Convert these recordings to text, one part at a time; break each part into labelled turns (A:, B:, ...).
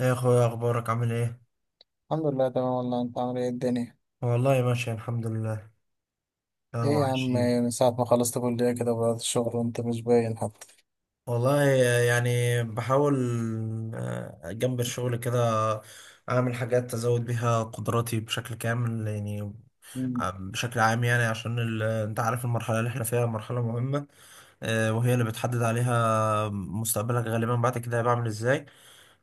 A: ايه يا اخويا اخبارك عامل ايه.
B: الحمد لله تمام، والله انت عامل ايه الدنيا؟
A: والله ماشي الحمد لله.
B: ايه
A: اهو
B: يا عم،
A: عايشين.
B: من ساعة ما خلصت كلية كده بدأت الشغل وانت مش باين حتى.
A: والله يعني بحاول. جنب الشغل كده اعمل حاجات ازود بيها قدراتي بشكل كامل يعني.
B: مم.
A: بشكل عام يعني عشان انت عارف المرحلة اللي احنا فيها مرحلة مهمة. وهي اللي بتحدد عليها مستقبلك غالبا بعد كده هبقى عامل ازاي.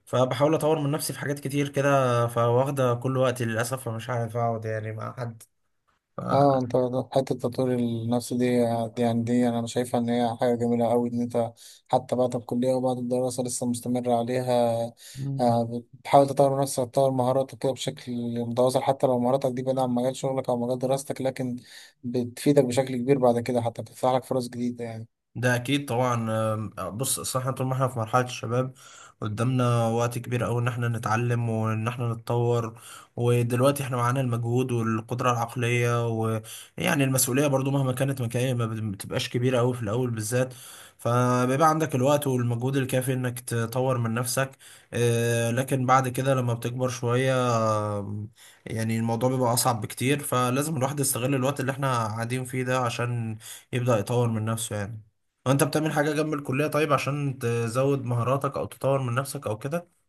A: فبحاول اطور من نفسي في حاجات كتير كده، فواخدة كل وقتي للاسف، فمش عارف اقعد يعني مع حد.
B: اه انت، حتة تطوير النفس دي يعني دي انا شايفها ان هي حاجة جميلة قوي، ان انت حتى بعد الكلية وبعد الدراسة لسه مستمر عليها.
A: ف...
B: بتحاول تطور نفسك، تطور مهاراتك كده بشكل متواصل، حتى لو مهاراتك دي بعيدة عن مجال شغلك او مجال دراستك، لكن بتفيدك بشكل كبير بعد كده، حتى بتفتح لك فرص جديدة يعني.
A: ده اكيد طبعا. أم، بص اصل احنا طول ما احنا في مرحله الشباب قدامنا وقت كبير قوي ان احنا نتعلم وان احنا نتطور. ودلوقتي احنا معانا المجهود والقدره العقليه ويعني المسؤوليه برضو مهما كانت مكانية ما بتبقاش كبيره قوي في الاول بالذات. فبيبقى عندك الوقت والمجهود الكافي انك تطور من نفسك. لكن بعد كده لما بتكبر شويه. آم، يعني الموضوع بيبقى اصعب بكتير، فلازم الواحد يستغل الوقت اللي احنا قاعدين فيه ده عشان يبدأ يطور من نفسه يعني. هو انت بتعمل حاجة جنب الكلية طيب عشان تزود مهاراتك او تطور من نفسك او كده؟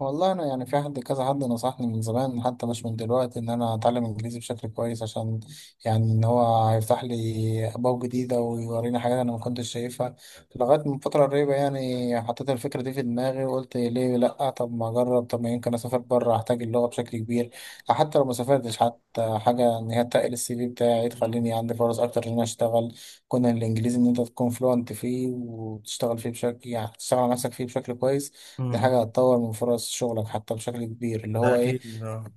B: والله انا يعني في حد كذا حد نصحني من زمان، حتى مش من دلوقتي، ان انا اتعلم انجليزي بشكل كويس، عشان يعني ان هو هيفتح لي ابواب جديده ويوريني حاجات انا ما كنتش شايفها. لغايه من فتره قريبه يعني حطيت الفكره دي في دماغي وقلت ليه لا، طب ما اجرب، طب ما يمكن اسافر بره احتاج اللغه بشكل كبير. حتى لو ما سافرتش حتى حاجه، ان هي تقل السي في بتاعي
A: مم.
B: تخليني عندي فرص اكتر ان انا اشتغل. كون الانجليزي، ان انت تكون فلوينت فيه وتشتغل فيه بشكل، يعني تشتغل على نفسك فيه بشكل كويس،
A: م-
B: دي
A: م.
B: حاجة هتطور من فرص شغلك حتى بشكل كبير، اللي
A: ده
B: هو ايه.
A: اكيد.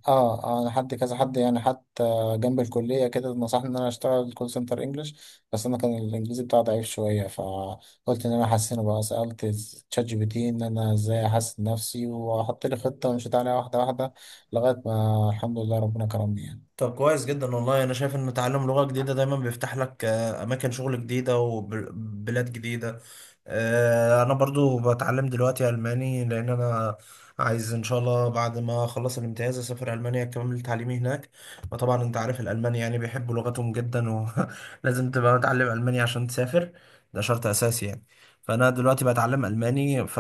B: اه انا حد كذا حد يعني، حتى جنب الكلية كده نصحني ان انا اشتغل كول سنتر انجلش، بس انا كان الانجليزي بتاعي ضعيف شوية فقلت ان انا احسنه بقى. سألت تشات جي بي تي ان انا ازاي احسن نفسي، وحط لي خطة ومشيت عليها واحدة واحدة لغاية ما الحمد لله ربنا كرمني.
A: طب كويس جدا. والله انا شايف ان تعلم لغة جديدة دايما بيفتح لك اماكن شغل جديدة وبلاد جديدة. انا برضو بتعلم دلوقتي الماني لان انا عايز ان شاء الله بعد ما اخلص الامتياز اسافر المانيا اكمل تعليمي هناك. وطبعا انت عارف الالمان يعني بيحبوا لغتهم جدا. ولازم تبقى متعلم الماني عشان تسافر. ده شرط اساسي يعني. فانا دلوقتي بتعلم الماني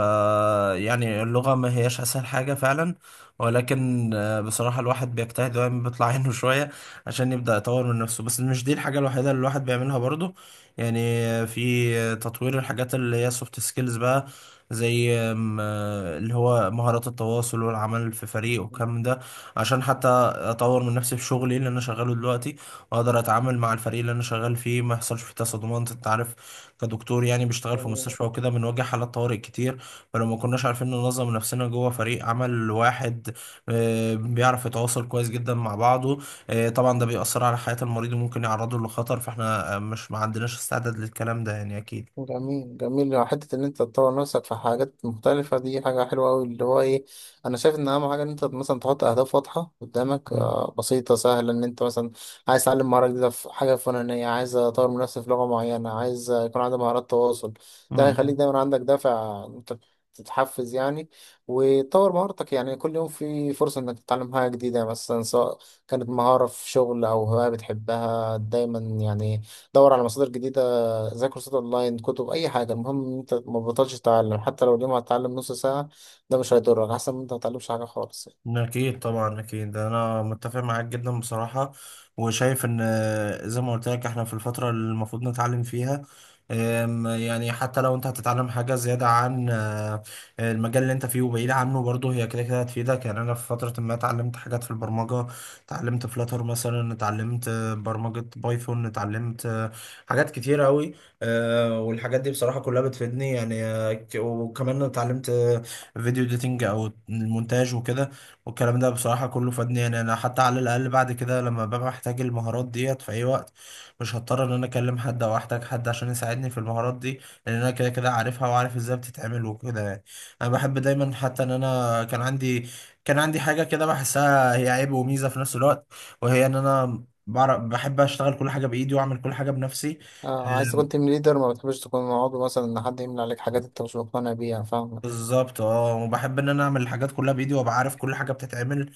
A: يعني اللغة ما هياش اسهل حاجة فعلا. ولكن بصراحة الواحد بيجتهد دايما بيطلع عينه شوية عشان يبدأ يطور من نفسه. بس مش دي الحاجة الوحيدة اللي الواحد بيعملها برضه يعني. في تطوير الحاجات اللي هي سوفت سكيلز بقى، زي آم، آه، اللي هو مهارات التواصل والعمل في فريق
B: يعني
A: والكلام ده. عشان حتى أطور من نفسي في شغلي اللي أنا شغاله دلوقتي، وأقدر أتعامل مع الفريق اللي أنا شغال فيه ما يحصلش فيه تصادمات. أنت عارف كدكتور يعني بيشتغل في مستشفى وكده بنواجه حالات طوارئ كتير. فلو ما كناش عارفين ننظم نفسنا جوه فريق عمل واحد بيعرف يتواصل كويس جدا مع بعضه طبعا ده بيأثر على حياة المريض وممكن يعرضه لخطر. فاحنا مش ما عندناش استعداد للكلام ده يعني أكيد.
B: جميل جميل، يعني حتة إن أنت تطور نفسك في حاجات مختلفة دي حاجة حلوة أوي، اللي هو إيه، أنا شايف إن أهم حاجة إن أنت مثلا تحط أهداف واضحة قدامك،
A: مم.
B: بسيطة سهلة. إن أنت مثلا عايز تتعلم مهارة جديدة في حاجة فلانية، عايز أطور من نفسي في لغة معينة، عايز يكون عندي مهارات تواصل، ده
A: مم.
B: هيخليك دايما عندك دافع، أنت تتحفز يعني، وتطور مهارتك. يعني كل يوم في فرصة إنك تتعلم حاجة جديدة مثلا، سواء كانت مهارة في شغل أو هواية بتحبها. دايما يعني دور على مصادر جديدة زي كورسات اونلاين، كتب، اي حاجه، المهم ان انت ما بطلش تتعلم. حتى لو اليوم هتتعلم نص ساعه ده مش هيضرك، احسن من انت ما تتعلمش حاجه خالص يعني.
A: أكيد طبعا. أكيد أنا متفق معاك جدا بصراحة. وشايف إن زي ما قلت لك إحنا في الفترة اللي المفروض نتعلم فيها. يعني حتى لو أنت هتتعلم حاجة زيادة عن المجال اللي أنت فيه وبعيد عنه، برضه هي كده كده هتفيدك. يعني أنا في فترة ما اتعلمت حاجات في البرمجة، اتعلمت فلاتر مثلا، اتعلمت برمجة بايثون، اتعلمت حاجات كتيرة أوي. والحاجات دي بصراحة كلها بتفيدني يعني. وكمان اتعلمت فيديو إديتنج أو المونتاج وكده. والكلام ده بصراحة كله فادني يعني. أنا حتى على الأقل بعد كده لما ببقى محتاج المهارات ديت في أي وقت مش هضطر إن أنا أكلم حد أو أحتاج حد عشان يساعدني في المهارات دي، لأن أنا كده كده عارفها وعارف إزاي بتتعمل وكده يعني. أنا بحب دايما حتى إن أنا كان عندي حاجة كده بحسها هي عيب وميزة في نفس الوقت، وهي إن أنا بعرف بحب أشتغل كل حاجة بإيدي وأعمل كل حاجة بنفسي.
B: آه، عايز تكون
A: أم،
B: تيم ليدر، ما بتحبش تكون عضو مثلا، ان حد يملى عليك حاجات انت مش مقتنع بيها، فاهم.
A: بالظبط اه. وبحب ان انا اعمل الحاجات كلها بايدي وابقى عارف كل حاجه بتتعمل.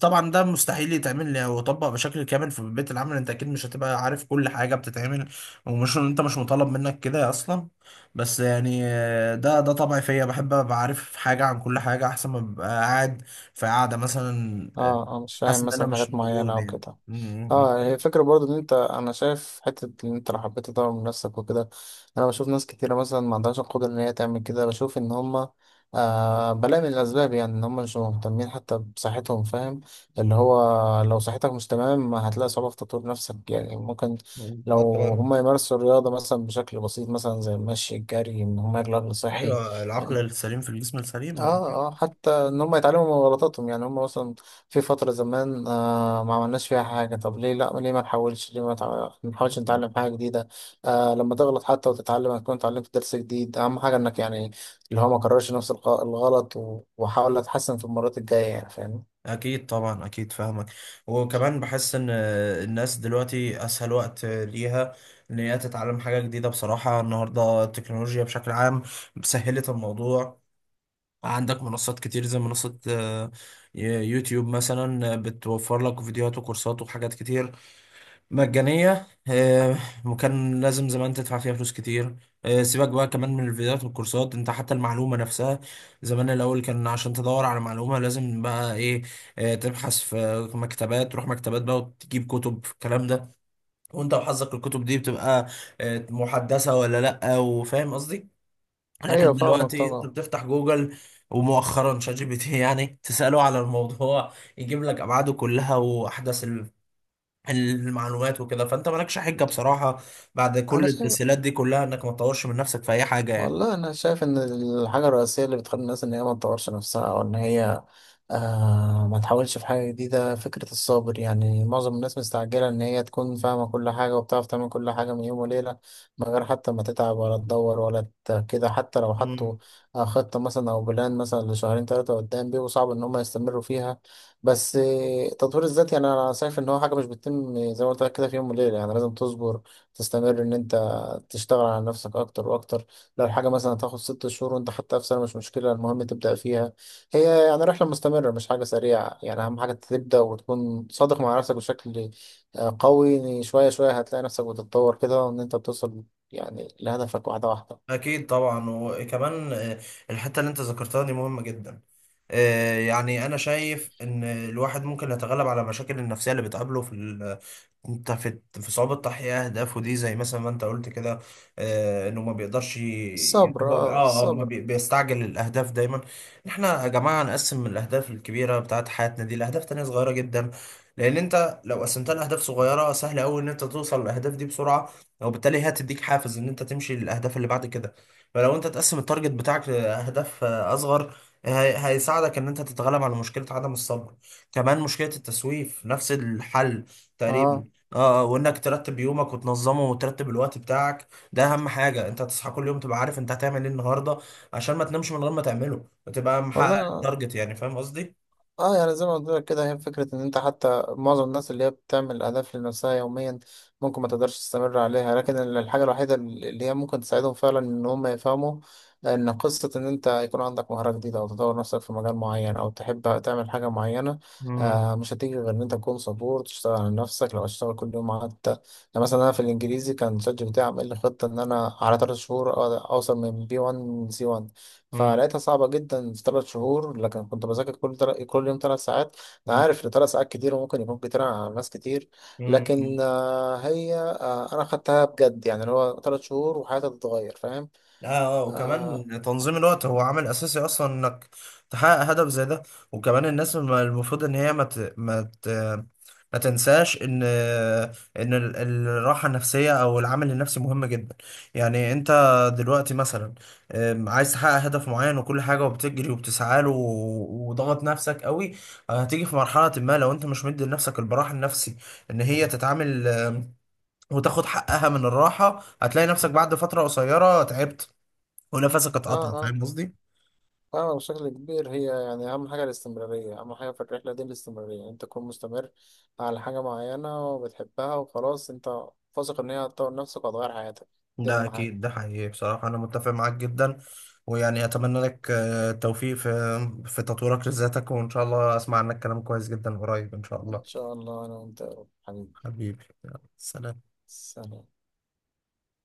A: طبعا ده مستحيل يتعمل ويطبق بشكل كامل في بيئة العمل. انت اكيد مش هتبقى عارف كل حاجة بتتعمل، ومش انت مش مطالب منك كده اصلا. بس يعني ده طبعي فيا، بحب ابقى عارف حاجة عن كل حاجة احسن ما ابقى قاعد في قاعدة مثلا
B: اه مش
A: حاسس
B: فاهم
A: ان انا
B: مثلا
A: مش
B: حاجات معينه
A: موجود
B: او
A: يعني
B: كده. اه يعني هي الفكرة برضو ان انت، انا شايف حتة ان انت لو حبيت تطور من نفسك وكده. انا بشوف ناس كتيرة مثلا ما عندهاش القدرة ان هي تعمل كده، بشوف ان هما بلاقي من الاسباب يعني ان هما مش مهتمين حتى بصحتهم، فاهم. اللي هو لو صحتك مش تمام هتلاقي صعوبة في تطوير نفسك يعني. ممكن
A: م. اه
B: لو
A: طبعا.
B: هما يمارسوا الرياضة مثلا بشكل بسيط، مثلا زي المشي، الجري، ان هما ياكلوا اكل صحي.
A: ايوه، العقل السليم في الجسم السليم.
B: اه
A: انت
B: اه، حتى ان هم يتعلموا من غلطاتهم. يعني هم مثلا في فترة زمان ما عملناش فيها حاجة، طب ليه لا؟ ليه ما نحاولش؟ ليه ما تع- نحاولش نتعلم
A: فاهم؟
B: حاجة جديدة؟ لما تغلط حتى وتتعلم هتكون اتعلمت درس جديد. اهم حاجة انك، يعني اللي هو ما كررش نفس الغلط، وحاول اتحسن في المرات الجاية يعني، فاهم.
A: اكيد طبعا اكيد فاهمك. وكمان بحس ان الناس دلوقتي اسهل وقت ليها ان هي تتعلم حاجه جديده. بصراحه النهارده التكنولوجيا بشكل عام سهلت الموضوع. عندك منصات كتير، زي منصه يوتيوب مثلا بتوفر لك فيديوهات وكورسات وحاجات كتير مجانية. وكان لازم زمان تدفع فيها فلوس كتير. سيبك بقى كمان من الفيديوهات والكورسات، انت حتى المعلومة نفسها زمان الأول كان عشان تدور على معلومة لازم بقى ايه تبحث في مكتبات، تروح مكتبات بقى وتجيب كتب في الكلام ده، وانت وحظك الكتب دي بتبقى محدثة ولا لأ، وفاهم قصدي.
B: ايوه
A: لكن
B: فاهمك
A: دلوقتي انت
B: طبعا.
A: بتفتح جوجل، ومؤخرا شات جي بي تي يعني تسأله على الموضوع يجيب لك أبعاده كلها وأحدث المعلومات وكده. فانت مالكش حجه بصراحه بعد
B: انا
A: كل
B: شايف،
A: التسهيلات دي كلها انك ما تطورش من نفسك في اي حاجه
B: والله انا شايف ان الحاجه الرئيسيه اللي بتخلي الناس ان هي ما تطورش نفسها، او ان هي ما تحاولش في حاجه جديده، فكره الصبر. يعني معظم الناس مستعجله ان هي تكون فاهمه كل حاجه وبتعرف تعمل كل حاجه من يوم وليله، من غير حتى ما تتعب ولا تدور كده. حتى لو
A: يعني.
B: حطوا خطه مثلا او بلان مثلا لشهرين ثلاثه قدام بيبقوا صعب ان هم يستمروا فيها. بس تطوير الذات يعني انا شايف ان هو حاجه مش بتتم زي ما قلت لك كده في يوم وليله. يعني لازم تصبر، تستمر ان انت تشتغل على نفسك اكتر واكتر. لو الحاجة مثلا تاخد 6 شهور وانت حتى في سنة، مش مشكلة، المهم تبدأ فيها. هي يعني رحلة مستمرة مش حاجة سريعة يعني. أهم حاجة تبدأ وتكون صادق مع نفسك بشكل قوي. يعني شوية شوية هتلاقي نفسك بتتطور كده، وإن أنت بتوصل يعني لهدفك واحدة واحدة.
A: أكيد طبعا. وكمان الحتة اللي أنت ذكرتها دي مهمة جدا. يعني أنا شايف إن الواحد ممكن يتغلب على مشاكل النفسية اللي بتقابله في ال- أنت في في صعوبة تحقيق أهدافه دي، زي مثلا ما أنت قلت كده إنه ما بيقدرش يعني
B: الصبر،
A: هو بي-
B: اه
A: آه آه ما
B: الصبر.
A: بي- بيستعجل الأهداف دايما. إحنا يا جماعة نقسم الأهداف الكبيرة بتاعت حياتنا دي لأهداف تانية صغيرة جدا. لأن أنت لو قسمتها لأهداف صغيرة سهل أوي إن أنت توصل للأهداف دي بسرعة، وبالتالي هي هتديك حافز ان انت تمشي للاهداف اللي بعد كده. فلو انت تقسم التارجت بتاعك لاهداف اصغر هيساعدك ان انت تتغلب على مشكلة عدم الصبر. كمان مشكلة التسويف نفس الحل تقريبا
B: اه
A: اه. وانك ترتب يومك وتنظمه وترتب الوقت بتاعك ده اهم حاجة. انت تصحى كل يوم تبقى عارف انت هتعمل ايه النهاردة عشان ما تنامش من غير ما تعمله وتبقى محقق
B: والله.
A: التارجت يعني. فاهم قصدي؟
B: اه يعني زي ما قلت لك كده، هي فكرة ان انت، حتى معظم الناس اللي هي بتعمل اهداف لنفسها يوميا ممكن ما تقدرش تستمر عليها. لكن الحاجة الوحيدة اللي هي ممكن تساعدهم فعلا ان هم يفهموا ان قصة ان انت يكون عندك مهارة جديدة او تطور نفسك في مجال معين او تحب تعمل حاجة معينة،
A: مم.
B: مش هتيجي غير ان انت تكون صبور، تشتغل على نفسك لو هتشتغل كل يوم حتى. يعني مثلا انا في الانجليزي كان شات جي بي تي عامل لي خطة ان انا على 3 شهور أقدر اوصل من بي 1 سي 1.
A: مم.
B: فلقيتها صعبة جدا في 3 شهور، لكن كنت بذاكر كل كل يوم 3 ساعات. أنا عارف إن 3 ساعات كتير وممكن يكون كتير على ناس كتير، لكن
A: مم.
B: هي، أنا خدتها بجد. يعني اللي هو 3 شهور وحياتي تتغير، فاهم.
A: اه.
B: آه
A: وكمان تنظيم الوقت هو عامل اساسي اصلا انك تحقق هدف زي ده. وكمان الناس المفروض ان هي ما تنساش ان الراحه النفسيه او العامل النفسي مهم جدا. يعني انت دلوقتي مثلا عايز تحقق هدف معين وكل حاجه، وبتجري وبتسعى له وضغط نفسك قوي، هتيجي في مرحله ما لو انت مش مدي لنفسك البراح النفسي ان هي تتعامل وتاخد حقها من الراحه، هتلاقي نفسك بعد فتره قصيره تعبت ونفسك
B: آه
A: اتقطع.
B: آه
A: فاهم قصدي؟
B: فاهمة بشكل كبير. هي يعني أهم حاجة الاستمرارية، أهم حاجة في الرحلة دي الاستمرارية، أنت تكون مستمر على حاجة معينة وبتحبها، وخلاص أنت واثق إن هي هتطور نفسك وهتغير حياتك. دي
A: ده
B: أهم حاجة.
A: اكيد. ده حقيقي بصراحه انا متفق معاك جدا. ويعني اتمنى لك التوفيق في في تطويرك لذاتك، وان شاء الله اسمع عنك كلام كويس جدا قريب ان شاء
B: إن
A: الله.
B: شاء الله أنا وأنت يا رب حبيبي.
A: حبيبي، يلا، سلام.
B: سلام.